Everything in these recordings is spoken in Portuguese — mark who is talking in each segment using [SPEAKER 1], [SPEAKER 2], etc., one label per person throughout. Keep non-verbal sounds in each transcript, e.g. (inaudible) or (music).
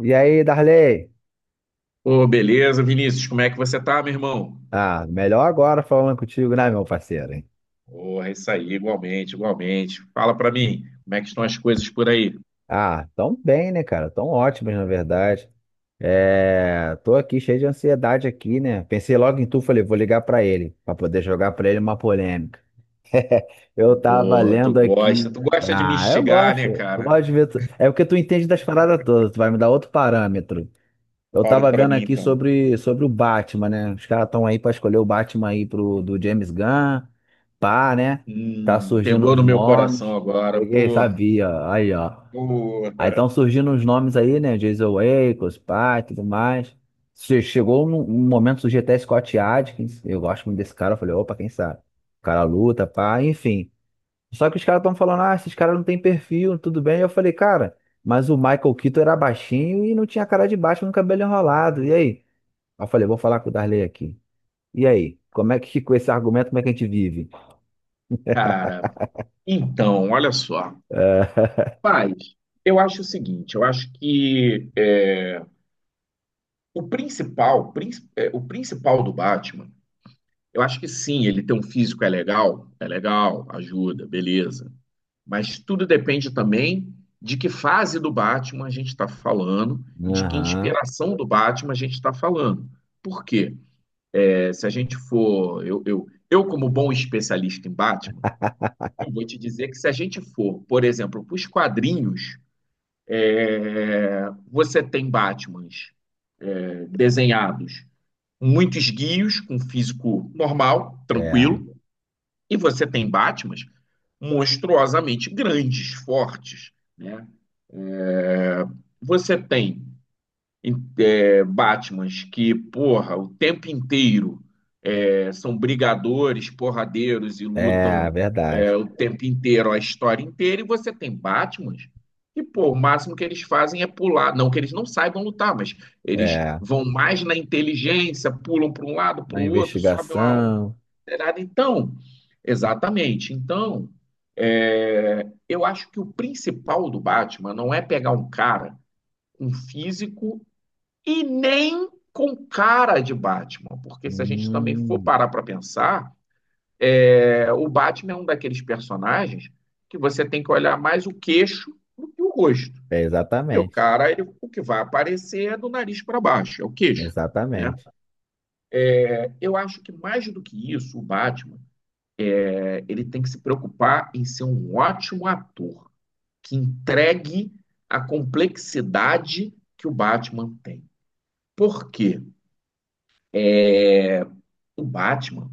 [SPEAKER 1] E aí, Darley?
[SPEAKER 2] Ô, beleza, Vinícius, como é que você tá, meu irmão?
[SPEAKER 1] Ah, melhor agora falando contigo, né, meu parceiro? Hein?
[SPEAKER 2] Porra, isso aí, igualmente, igualmente. Fala pra mim, como é que estão as coisas por aí?
[SPEAKER 1] Ah, tão bem, né, cara? Tão ótimos, na verdade. É, tô aqui cheio de ansiedade aqui, né? Pensei logo em tu, falei, vou ligar pra ele, pra poder jogar pra ele uma polêmica. Eu tava
[SPEAKER 2] Porra, tu
[SPEAKER 1] lendo
[SPEAKER 2] gosta,
[SPEAKER 1] aqui.
[SPEAKER 2] tu gosta de me
[SPEAKER 1] Ah, eu
[SPEAKER 2] instigar, né,
[SPEAKER 1] gosto. Eu
[SPEAKER 2] cara?
[SPEAKER 1] gosto de ver. É porque tu entende das paradas todas, tu vai me dar outro parâmetro. Eu
[SPEAKER 2] Fale
[SPEAKER 1] tava
[SPEAKER 2] pra
[SPEAKER 1] vendo
[SPEAKER 2] mim,
[SPEAKER 1] aqui
[SPEAKER 2] então.
[SPEAKER 1] sobre o Batman, né? Os caras estão aí pra escolher o Batman aí pro, do James Gunn, pá, né? Tá surgindo
[SPEAKER 2] Pegou
[SPEAKER 1] os
[SPEAKER 2] no meu coração
[SPEAKER 1] nomes.
[SPEAKER 2] agora,
[SPEAKER 1] Peguei,
[SPEAKER 2] porra,
[SPEAKER 1] sabia, aí, ó. Aí
[SPEAKER 2] porra.
[SPEAKER 1] estão surgindo os nomes aí, né? Jason Ackles, pá, e tudo mais. Chegou um momento, surgiu até Scott Adkins. Eu gosto muito desse cara. Eu falei, opa, quem sabe? O cara luta, pá, enfim. Só que os caras estão falando, ah, esses caras não têm perfil, tudo bem. Eu falei, cara, mas o Michael Keaton era baixinho e não tinha cara de baixo no cabelo enrolado. E aí? Aí eu falei, vou falar com o Darley aqui. E aí? Como é que com esse argumento, como é que a gente vive?
[SPEAKER 2] Cara, então, olha só.
[SPEAKER 1] (laughs)
[SPEAKER 2] Paz, eu acho o seguinte, eu acho que é, o principal, prin- é, o principal do Batman. Eu acho que sim, ele ter um físico é legal, ajuda, beleza. Mas tudo depende também de que fase do Batman a gente está falando e de que
[SPEAKER 1] Aham,
[SPEAKER 2] inspiração do Batman a gente está falando. Por quê? Se a gente for. Eu, como bom especialista em Batman, eu vou te dizer que se a gente for, por exemplo, para os quadrinhos, você tem Batmans desenhados muito esguios, com físico normal,
[SPEAKER 1] é,
[SPEAKER 2] tranquilo. E você tem Batmans monstruosamente grandes, fortes. Né? É, você tem Batmans que, porra, o tempo inteiro são brigadores, porradeiros e
[SPEAKER 1] é,
[SPEAKER 2] lutam
[SPEAKER 1] verdade.
[SPEAKER 2] o tempo inteiro, a história inteira, e você tem Batmans que, pô, o máximo que eles fazem é pular. Não que eles não saibam lutar, mas eles
[SPEAKER 1] É,
[SPEAKER 2] vão mais na inteligência, pulam para um lado, para
[SPEAKER 1] na
[SPEAKER 2] o outro, sobem uma.
[SPEAKER 1] investigação.
[SPEAKER 2] Então, exatamente. Então, eu acho que o principal do Batman não é pegar um cara com físico e nem com cara de Batman, porque se a gente também for
[SPEAKER 1] Hum,
[SPEAKER 2] parar para pensar, o Batman é um daqueles personagens que você tem que olhar mais o queixo do que o rosto.
[SPEAKER 1] é
[SPEAKER 2] E o
[SPEAKER 1] exatamente,
[SPEAKER 2] cara, o que vai aparecer é do nariz para baixo, é o queixo. Né?
[SPEAKER 1] exatamente.
[SPEAKER 2] Eu acho que mais do que isso, o Batman, ele tem que se preocupar em ser um ótimo ator que entregue a complexidade que o Batman tem. Por quê? O Batman,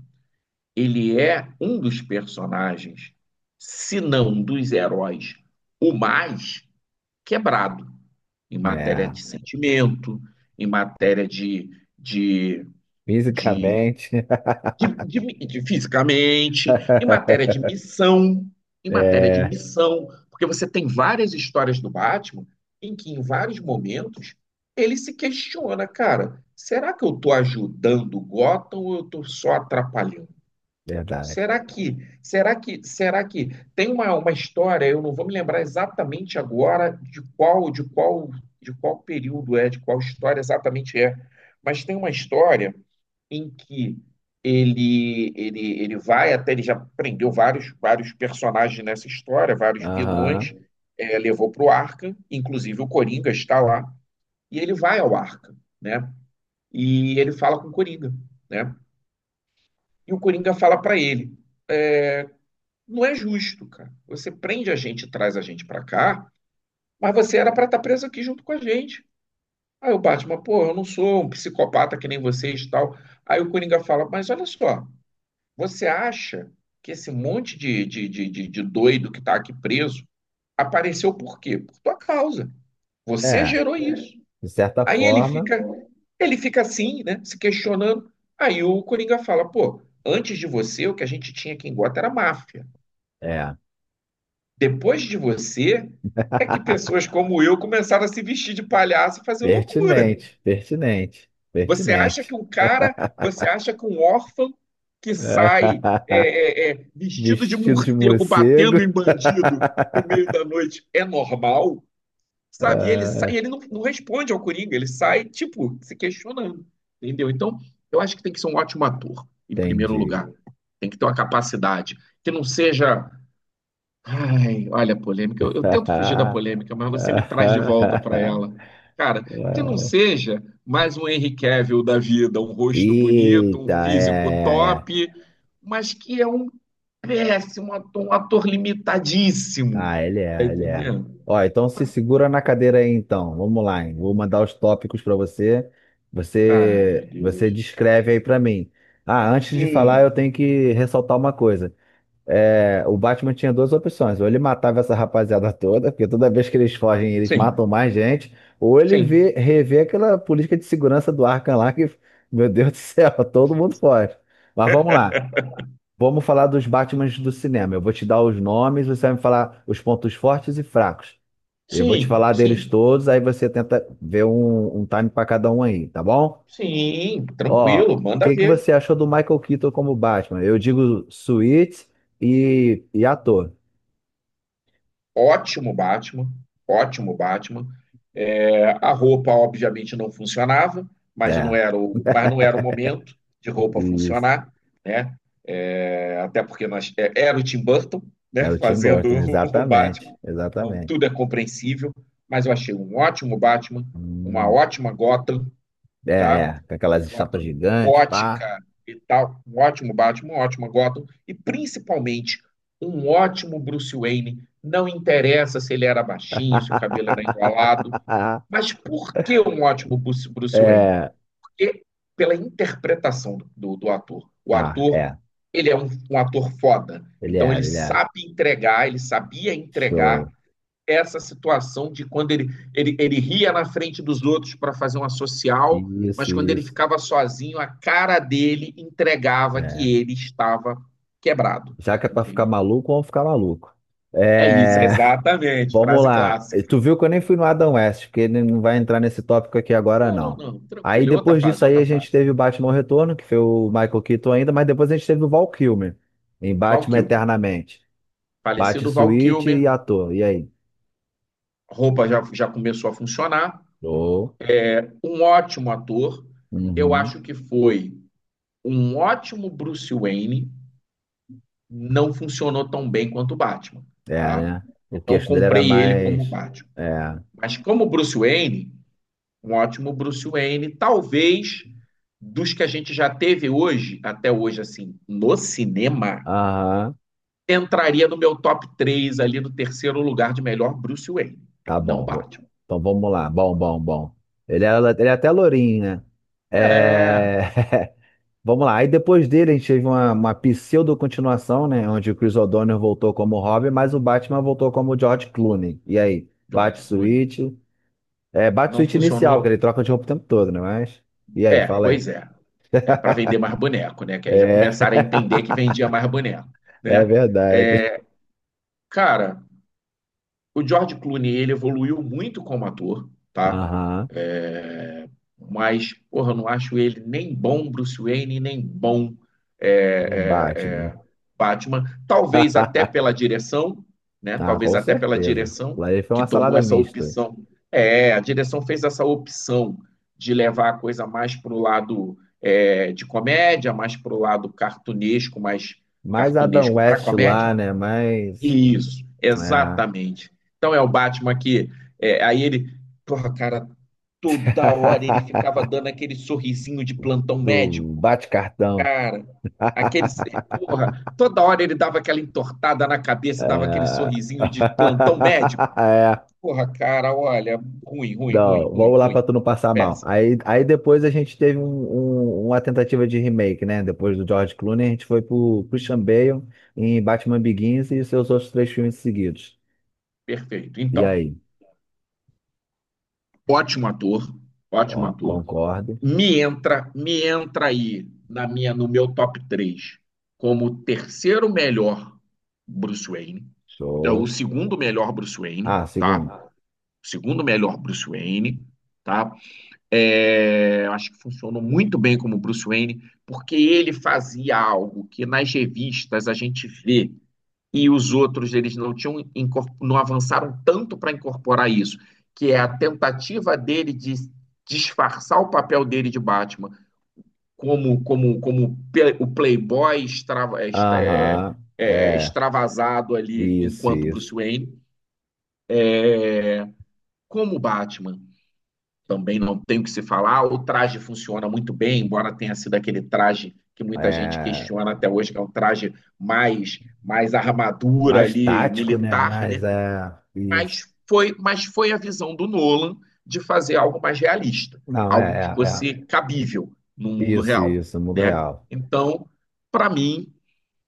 [SPEAKER 2] ele é um dos personagens, se não um dos heróis, o mais quebrado em matéria
[SPEAKER 1] É,
[SPEAKER 2] de sentimento, em matéria de, de,
[SPEAKER 1] fisicamente.
[SPEAKER 2] de fisicamente, em matéria
[SPEAKER 1] (laughs)
[SPEAKER 2] de missão, em matéria de
[SPEAKER 1] É,
[SPEAKER 2] missão, porque você tem várias histórias do Batman em que em vários momentos ele se questiona, cara, será que eu estou ajudando o Gotham ou eu estou só atrapalhando?
[SPEAKER 1] verdade.
[SPEAKER 2] Será que tem uma história, eu não vou me lembrar exatamente agora de qual período é, de qual história exatamente é, mas tem uma história em que ele vai até ele já prendeu vários personagens nessa história, vários vilões,
[SPEAKER 1] Aham,
[SPEAKER 2] levou para o Arca, inclusive o Coringa está lá, e ele vai ao Arca, né? E ele fala com o Coringa, né? E o Coringa fala para ele: não é justo, cara. Você prende a gente, traz a gente pra cá, mas você era pra estar preso aqui junto com a gente. Aí o Batman, pô, eu não sou um psicopata que nem vocês e tal. Aí o Coringa fala, mas olha só, você acha que esse monte de doido que tá aqui preso apareceu por quê? Por tua causa. Você
[SPEAKER 1] é,
[SPEAKER 2] gerou isso.
[SPEAKER 1] de certa
[SPEAKER 2] Aí
[SPEAKER 1] forma.
[SPEAKER 2] ele fica assim, né, se questionando. Aí o Coringa fala, pô, antes de você, o que a gente tinha aqui em Gota era máfia.
[SPEAKER 1] É.
[SPEAKER 2] Depois de você, é que
[SPEAKER 1] (laughs)
[SPEAKER 2] pessoas como eu começaram a se vestir de palhaço e fazer loucura.
[SPEAKER 1] Pertinente, pertinente,
[SPEAKER 2] Você acha que
[SPEAKER 1] pertinente.
[SPEAKER 2] um cara, você acha que um órfão que sai
[SPEAKER 1] (laughs)
[SPEAKER 2] vestido de
[SPEAKER 1] Vestido de
[SPEAKER 2] morcego
[SPEAKER 1] morcego.
[SPEAKER 2] batendo em bandido
[SPEAKER 1] (laughs)
[SPEAKER 2] no meio da noite é normal? Sabe? E ele
[SPEAKER 1] Ah,
[SPEAKER 2] sai, ele não, não responde ao Coringa, ele sai, tipo, se questionando, entendeu? Então, eu acho que tem que ser um ótimo ator, em primeiro
[SPEAKER 1] entendi.
[SPEAKER 2] lugar. Tem que ter uma capacidade que não seja. Ai, olha a polêmica. Eu tento fugir da polêmica, mas você me traz de volta para
[SPEAKER 1] (laughs)
[SPEAKER 2] ela. Cara, que não seja mais um Henry Cavill da vida, um rosto bonito, um
[SPEAKER 1] Eita, é,
[SPEAKER 2] físico
[SPEAKER 1] é, é.
[SPEAKER 2] top, mas que é um péssimo ator, um ator limitadíssimo.
[SPEAKER 1] Ah, ele
[SPEAKER 2] Tá
[SPEAKER 1] é, ele é.
[SPEAKER 2] entendendo?
[SPEAKER 1] Ó, então se segura na cadeira aí, então. Vamos lá, hein? Vou mandar os tópicos para você.
[SPEAKER 2] Ah,
[SPEAKER 1] Você,
[SPEAKER 2] meu
[SPEAKER 1] você
[SPEAKER 2] Deus.
[SPEAKER 1] descreve aí para mim. Ah, antes de falar, eu
[SPEAKER 2] Hum,
[SPEAKER 1] tenho que ressaltar uma coisa. É, o Batman tinha duas opções. Ou ele matava essa rapaziada toda, porque toda vez que eles fogem, eles matam
[SPEAKER 2] sim,
[SPEAKER 1] mais gente, ou ele
[SPEAKER 2] sim,
[SPEAKER 1] vê, revê aquela política de segurança do Arkham lá, que, meu Deus do céu, (laughs) todo mundo foge. Mas vamos lá. Vamos falar dos Batmans do cinema. Eu vou te dar os nomes, você vai me falar os pontos fortes e fracos. Eu vou te
[SPEAKER 2] sim,
[SPEAKER 1] falar deles
[SPEAKER 2] sim,
[SPEAKER 1] todos, aí você tenta ver um time para cada um aí, tá bom?
[SPEAKER 2] sim,
[SPEAKER 1] Ó, o
[SPEAKER 2] tranquilo, manda
[SPEAKER 1] que que
[SPEAKER 2] ver.
[SPEAKER 1] você achou do Michael Keaton como Batman? Eu digo suíte e ator.
[SPEAKER 2] Ótimo Batman, ótimo Batman. É, a roupa, obviamente, não funcionava, mas não
[SPEAKER 1] É,
[SPEAKER 2] era o, mas não
[SPEAKER 1] (laughs)
[SPEAKER 2] era o momento de roupa
[SPEAKER 1] isso.
[SPEAKER 2] funcionar, né? É, até porque nós, é, era o Tim Burton, né,
[SPEAKER 1] Era o Tim
[SPEAKER 2] fazendo
[SPEAKER 1] Burton,
[SPEAKER 2] (laughs) o
[SPEAKER 1] exatamente,
[SPEAKER 2] Batman, então
[SPEAKER 1] exatamente.
[SPEAKER 2] tudo é compreensível, mas eu achei um ótimo Batman, uma
[SPEAKER 1] Hum,
[SPEAKER 2] ótima Gotham,
[SPEAKER 1] é,
[SPEAKER 2] tá?
[SPEAKER 1] é, com aquelas estátuas
[SPEAKER 2] Gotham
[SPEAKER 1] gigantes, pá.
[SPEAKER 2] gótica e tal. Um ótimo Batman, um ótimo Gotham. E principalmente um ótimo Bruce Wayne. Não interessa se ele era baixinho, se o cabelo era
[SPEAKER 1] (laughs)
[SPEAKER 2] enrolado. Mas por que um ótimo Bruce Wayne?
[SPEAKER 1] É,
[SPEAKER 2] Porque pela interpretação do ator. O
[SPEAKER 1] ah,
[SPEAKER 2] ator,
[SPEAKER 1] é,
[SPEAKER 2] ele é um ator foda.
[SPEAKER 1] ele
[SPEAKER 2] Então ele
[SPEAKER 1] era, ele era.
[SPEAKER 2] sabe entregar, ele sabia entregar
[SPEAKER 1] Show.
[SPEAKER 2] essa situação de quando ele, ele ria na frente dos outros para fazer uma social,
[SPEAKER 1] Isso,
[SPEAKER 2] mas quando ele
[SPEAKER 1] isso.
[SPEAKER 2] ficava sozinho, a cara dele entregava
[SPEAKER 1] É.
[SPEAKER 2] que ele estava quebrado,
[SPEAKER 1] Já que é pra ficar
[SPEAKER 2] entendeu?
[SPEAKER 1] maluco, vamos ficar maluco.
[SPEAKER 2] É isso,
[SPEAKER 1] É.
[SPEAKER 2] exatamente,
[SPEAKER 1] Vamos
[SPEAKER 2] frase
[SPEAKER 1] lá. E
[SPEAKER 2] clássica.
[SPEAKER 1] tu viu que eu nem fui no Adam West, porque ele não vai entrar nesse tópico aqui agora,
[SPEAKER 2] Não, não,
[SPEAKER 1] não.
[SPEAKER 2] não,
[SPEAKER 1] Aí
[SPEAKER 2] tranquilo, é outra
[SPEAKER 1] depois disso
[SPEAKER 2] fase,
[SPEAKER 1] aí
[SPEAKER 2] outra
[SPEAKER 1] a gente
[SPEAKER 2] fase.
[SPEAKER 1] teve o Batman Retorno, que foi o Michael Keaton ainda, mas depois a gente teve o Val Kilmer em
[SPEAKER 2] Val
[SPEAKER 1] Batman
[SPEAKER 2] Kilmer,
[SPEAKER 1] Eternamente. Batman
[SPEAKER 2] falecido Val
[SPEAKER 1] Suíte
[SPEAKER 2] Kilmer,
[SPEAKER 1] e ator. E aí?
[SPEAKER 2] roupa já, já começou a funcionar,
[SPEAKER 1] Oh.
[SPEAKER 2] um ótimo ator, eu
[SPEAKER 1] Uhum.
[SPEAKER 2] acho que foi um ótimo Bruce Wayne, não funcionou tão bem quanto o Batman,
[SPEAKER 1] É,
[SPEAKER 2] tá?
[SPEAKER 1] né? O
[SPEAKER 2] Não
[SPEAKER 1] queixo dele era
[SPEAKER 2] comprei ele como
[SPEAKER 1] mais.
[SPEAKER 2] Batman.
[SPEAKER 1] É.
[SPEAKER 2] Mas como Bruce Wayne, um ótimo Bruce Wayne, talvez dos que a gente já teve hoje, até hoje, assim, no cinema,
[SPEAKER 1] Aham.
[SPEAKER 2] entraria no meu top 3 ali no terceiro lugar de melhor Bruce Wayne.
[SPEAKER 1] Tá
[SPEAKER 2] Não
[SPEAKER 1] bom.
[SPEAKER 2] Batman.
[SPEAKER 1] Então vamos lá. Bom, bom, bom. Ele era, ele é até lourinho, né?
[SPEAKER 2] É,
[SPEAKER 1] É. (laughs) Vamos lá. Aí depois dele a gente teve uma pseudo-continuação, né? Onde o Chris O'Donnell voltou como Robin, mas o Batman voltou como George Clooney. E aí?
[SPEAKER 2] George Clooney.
[SPEAKER 1] Bat-Switch. É,
[SPEAKER 2] Não
[SPEAKER 1] Bat-Switch inicial, que
[SPEAKER 2] funcionou.
[SPEAKER 1] ele troca de roupa o tempo todo, né? Mas. E aí,
[SPEAKER 2] É,
[SPEAKER 1] fala aí.
[SPEAKER 2] pois é. É para vender mais boneco, né? Que aí já
[SPEAKER 1] É,
[SPEAKER 2] começaram a
[SPEAKER 1] (laughs)
[SPEAKER 2] entender que vendia mais boneco,
[SPEAKER 1] é
[SPEAKER 2] né?
[SPEAKER 1] verdade.
[SPEAKER 2] É, cara, o George Clooney, ele evoluiu muito como ator, tá?
[SPEAKER 1] Aham.
[SPEAKER 2] É, mas, porra, eu não acho ele nem bom Bruce Wayne, nem bom é,
[SPEAKER 1] Do
[SPEAKER 2] é,
[SPEAKER 1] Batman.
[SPEAKER 2] é, Batman. Talvez até pela
[SPEAKER 1] (laughs)
[SPEAKER 2] direção, né?
[SPEAKER 1] Ah,
[SPEAKER 2] Talvez
[SPEAKER 1] com
[SPEAKER 2] até pela
[SPEAKER 1] certeza.
[SPEAKER 2] direção
[SPEAKER 1] Lá ele foi
[SPEAKER 2] que
[SPEAKER 1] uma
[SPEAKER 2] tomou
[SPEAKER 1] salada
[SPEAKER 2] essa
[SPEAKER 1] mista.
[SPEAKER 2] opção. É, a direção fez essa opção de levar a coisa mais para o lado de comédia, mais para o lado cartunesco, mais
[SPEAKER 1] Mais Adam
[SPEAKER 2] cartunesco para
[SPEAKER 1] West lá,
[SPEAKER 2] comédia.
[SPEAKER 1] né? Mais.
[SPEAKER 2] Isso,
[SPEAKER 1] É.
[SPEAKER 2] exatamente. Então é o Batman que. Aí ele. Porra, cara, toda hora ele ficava
[SPEAKER 1] (laughs)
[SPEAKER 2] dando aquele sorrisinho de plantão
[SPEAKER 1] Do
[SPEAKER 2] médico.
[SPEAKER 1] bate-cartão.
[SPEAKER 2] Cara, aquele.
[SPEAKER 1] (laughs)
[SPEAKER 2] Porra, toda hora ele dava aquela entortada na cabeça, dava aquele
[SPEAKER 1] É...
[SPEAKER 2] sorrisinho de plantão médico.
[SPEAKER 1] (laughs) É.
[SPEAKER 2] Porra, cara, olha, ruim, ruim, ruim,
[SPEAKER 1] Não,
[SPEAKER 2] ruim,
[SPEAKER 1] vamos lá pra
[SPEAKER 2] ruim.
[SPEAKER 1] tu não passar mal.
[SPEAKER 2] Péssimo,
[SPEAKER 1] Aí, aí depois a gente teve uma tentativa de remake, né? Depois do George Clooney, a gente foi pro Christian Bale em Batman Begins e seus outros três filmes seguidos.
[SPEAKER 2] perfeito.
[SPEAKER 1] E
[SPEAKER 2] Então,
[SPEAKER 1] aí?
[SPEAKER 2] ótimo ator, ótimo
[SPEAKER 1] Ó,
[SPEAKER 2] ator.
[SPEAKER 1] concordo.
[SPEAKER 2] Me entra, me entra aí na minha, no meu top 3 como o terceiro melhor Bruce Wayne. É o
[SPEAKER 1] Show.
[SPEAKER 2] segundo melhor Bruce Wayne,
[SPEAKER 1] Ah, segundo.
[SPEAKER 2] tá? O segundo melhor Bruce Wayne, tá? É, acho que funcionou muito bem como Bruce Wayne, porque ele fazia algo que nas revistas a gente vê e os outros eles não tinham não avançaram tanto para incorporar isso, que é a tentativa dele de disfarçar o papel dele de Batman como o playboy
[SPEAKER 1] Aham. É.
[SPEAKER 2] extravasado ali
[SPEAKER 1] Isso,
[SPEAKER 2] enquanto Bruce
[SPEAKER 1] isso.
[SPEAKER 2] Wayne, como Batman. Também não tem o que se falar. O traje funciona muito bem, embora tenha sido aquele traje que muita gente
[SPEAKER 1] É.
[SPEAKER 2] questiona até hoje, que é um traje mais armadura
[SPEAKER 1] Mais
[SPEAKER 2] ali
[SPEAKER 1] tático, né?
[SPEAKER 2] militar,
[SPEAKER 1] Mas
[SPEAKER 2] né?
[SPEAKER 1] é. Isso.
[SPEAKER 2] Mas foi a visão do Nolan de fazer algo mais realista,
[SPEAKER 1] Não,
[SPEAKER 2] algo
[SPEAKER 1] é,
[SPEAKER 2] que
[SPEAKER 1] é, é.
[SPEAKER 2] fosse cabível no mundo
[SPEAKER 1] Isso,
[SPEAKER 2] real,
[SPEAKER 1] isso. Mundo
[SPEAKER 2] né?
[SPEAKER 1] real.
[SPEAKER 2] Então, para mim,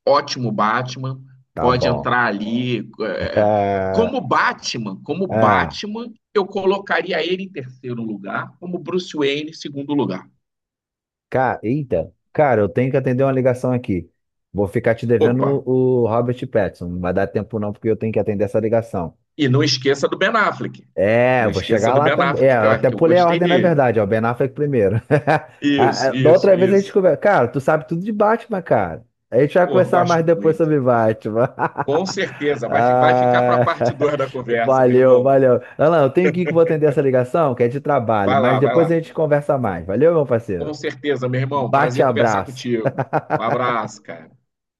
[SPEAKER 2] ótimo Batman,
[SPEAKER 1] Tá
[SPEAKER 2] pode
[SPEAKER 1] bom.
[SPEAKER 2] entrar ali.
[SPEAKER 1] (laughs) Ah,
[SPEAKER 2] Como
[SPEAKER 1] ah,
[SPEAKER 2] Batman, eu colocaria ele em terceiro lugar, como Bruce Wayne em segundo lugar.
[SPEAKER 1] cara, eita. Cara, eu tenho que atender uma ligação aqui. Vou ficar te devendo
[SPEAKER 2] Opa,
[SPEAKER 1] o Robert Pattinson. Não vai dar tempo não, porque eu tenho que atender essa ligação.
[SPEAKER 2] e não esqueça do Ben Affleck.
[SPEAKER 1] É,
[SPEAKER 2] Não
[SPEAKER 1] eu vou
[SPEAKER 2] esqueça
[SPEAKER 1] chegar
[SPEAKER 2] do
[SPEAKER 1] lá
[SPEAKER 2] Ben
[SPEAKER 1] também. É,
[SPEAKER 2] Affleck, que,
[SPEAKER 1] eu
[SPEAKER 2] ó,
[SPEAKER 1] até
[SPEAKER 2] que eu
[SPEAKER 1] pulei a
[SPEAKER 2] gostei
[SPEAKER 1] ordem, na
[SPEAKER 2] dele.
[SPEAKER 1] verdade. Ó, Ben Affleck primeiro. (laughs) Ah,
[SPEAKER 2] Isso,
[SPEAKER 1] ah, da
[SPEAKER 2] isso,
[SPEAKER 1] outra vez a gente
[SPEAKER 2] isso.
[SPEAKER 1] conversa. Cara, tu sabe tudo de Batman, cara. A gente vai
[SPEAKER 2] Pô,
[SPEAKER 1] conversar mais
[SPEAKER 2] gosto
[SPEAKER 1] depois
[SPEAKER 2] muito.
[SPEAKER 1] sobre Batman. (laughs)
[SPEAKER 2] Com certeza, vai, vai ficar para a
[SPEAKER 1] Ah,
[SPEAKER 2] parte 2 da
[SPEAKER 1] (laughs)
[SPEAKER 2] conversa, meu
[SPEAKER 1] valeu,
[SPEAKER 2] irmão.
[SPEAKER 1] valeu. Alan, eu tenho que ir que eu vou atender essa ligação, que é de trabalho.
[SPEAKER 2] Vai
[SPEAKER 1] Mas
[SPEAKER 2] lá, vai
[SPEAKER 1] depois a
[SPEAKER 2] lá.
[SPEAKER 1] gente conversa mais. Valeu, meu parceiro.
[SPEAKER 2] Com certeza, meu irmão. Prazer conversar
[SPEAKER 1] Bate-abraço.
[SPEAKER 2] contigo. Um abraço, cara.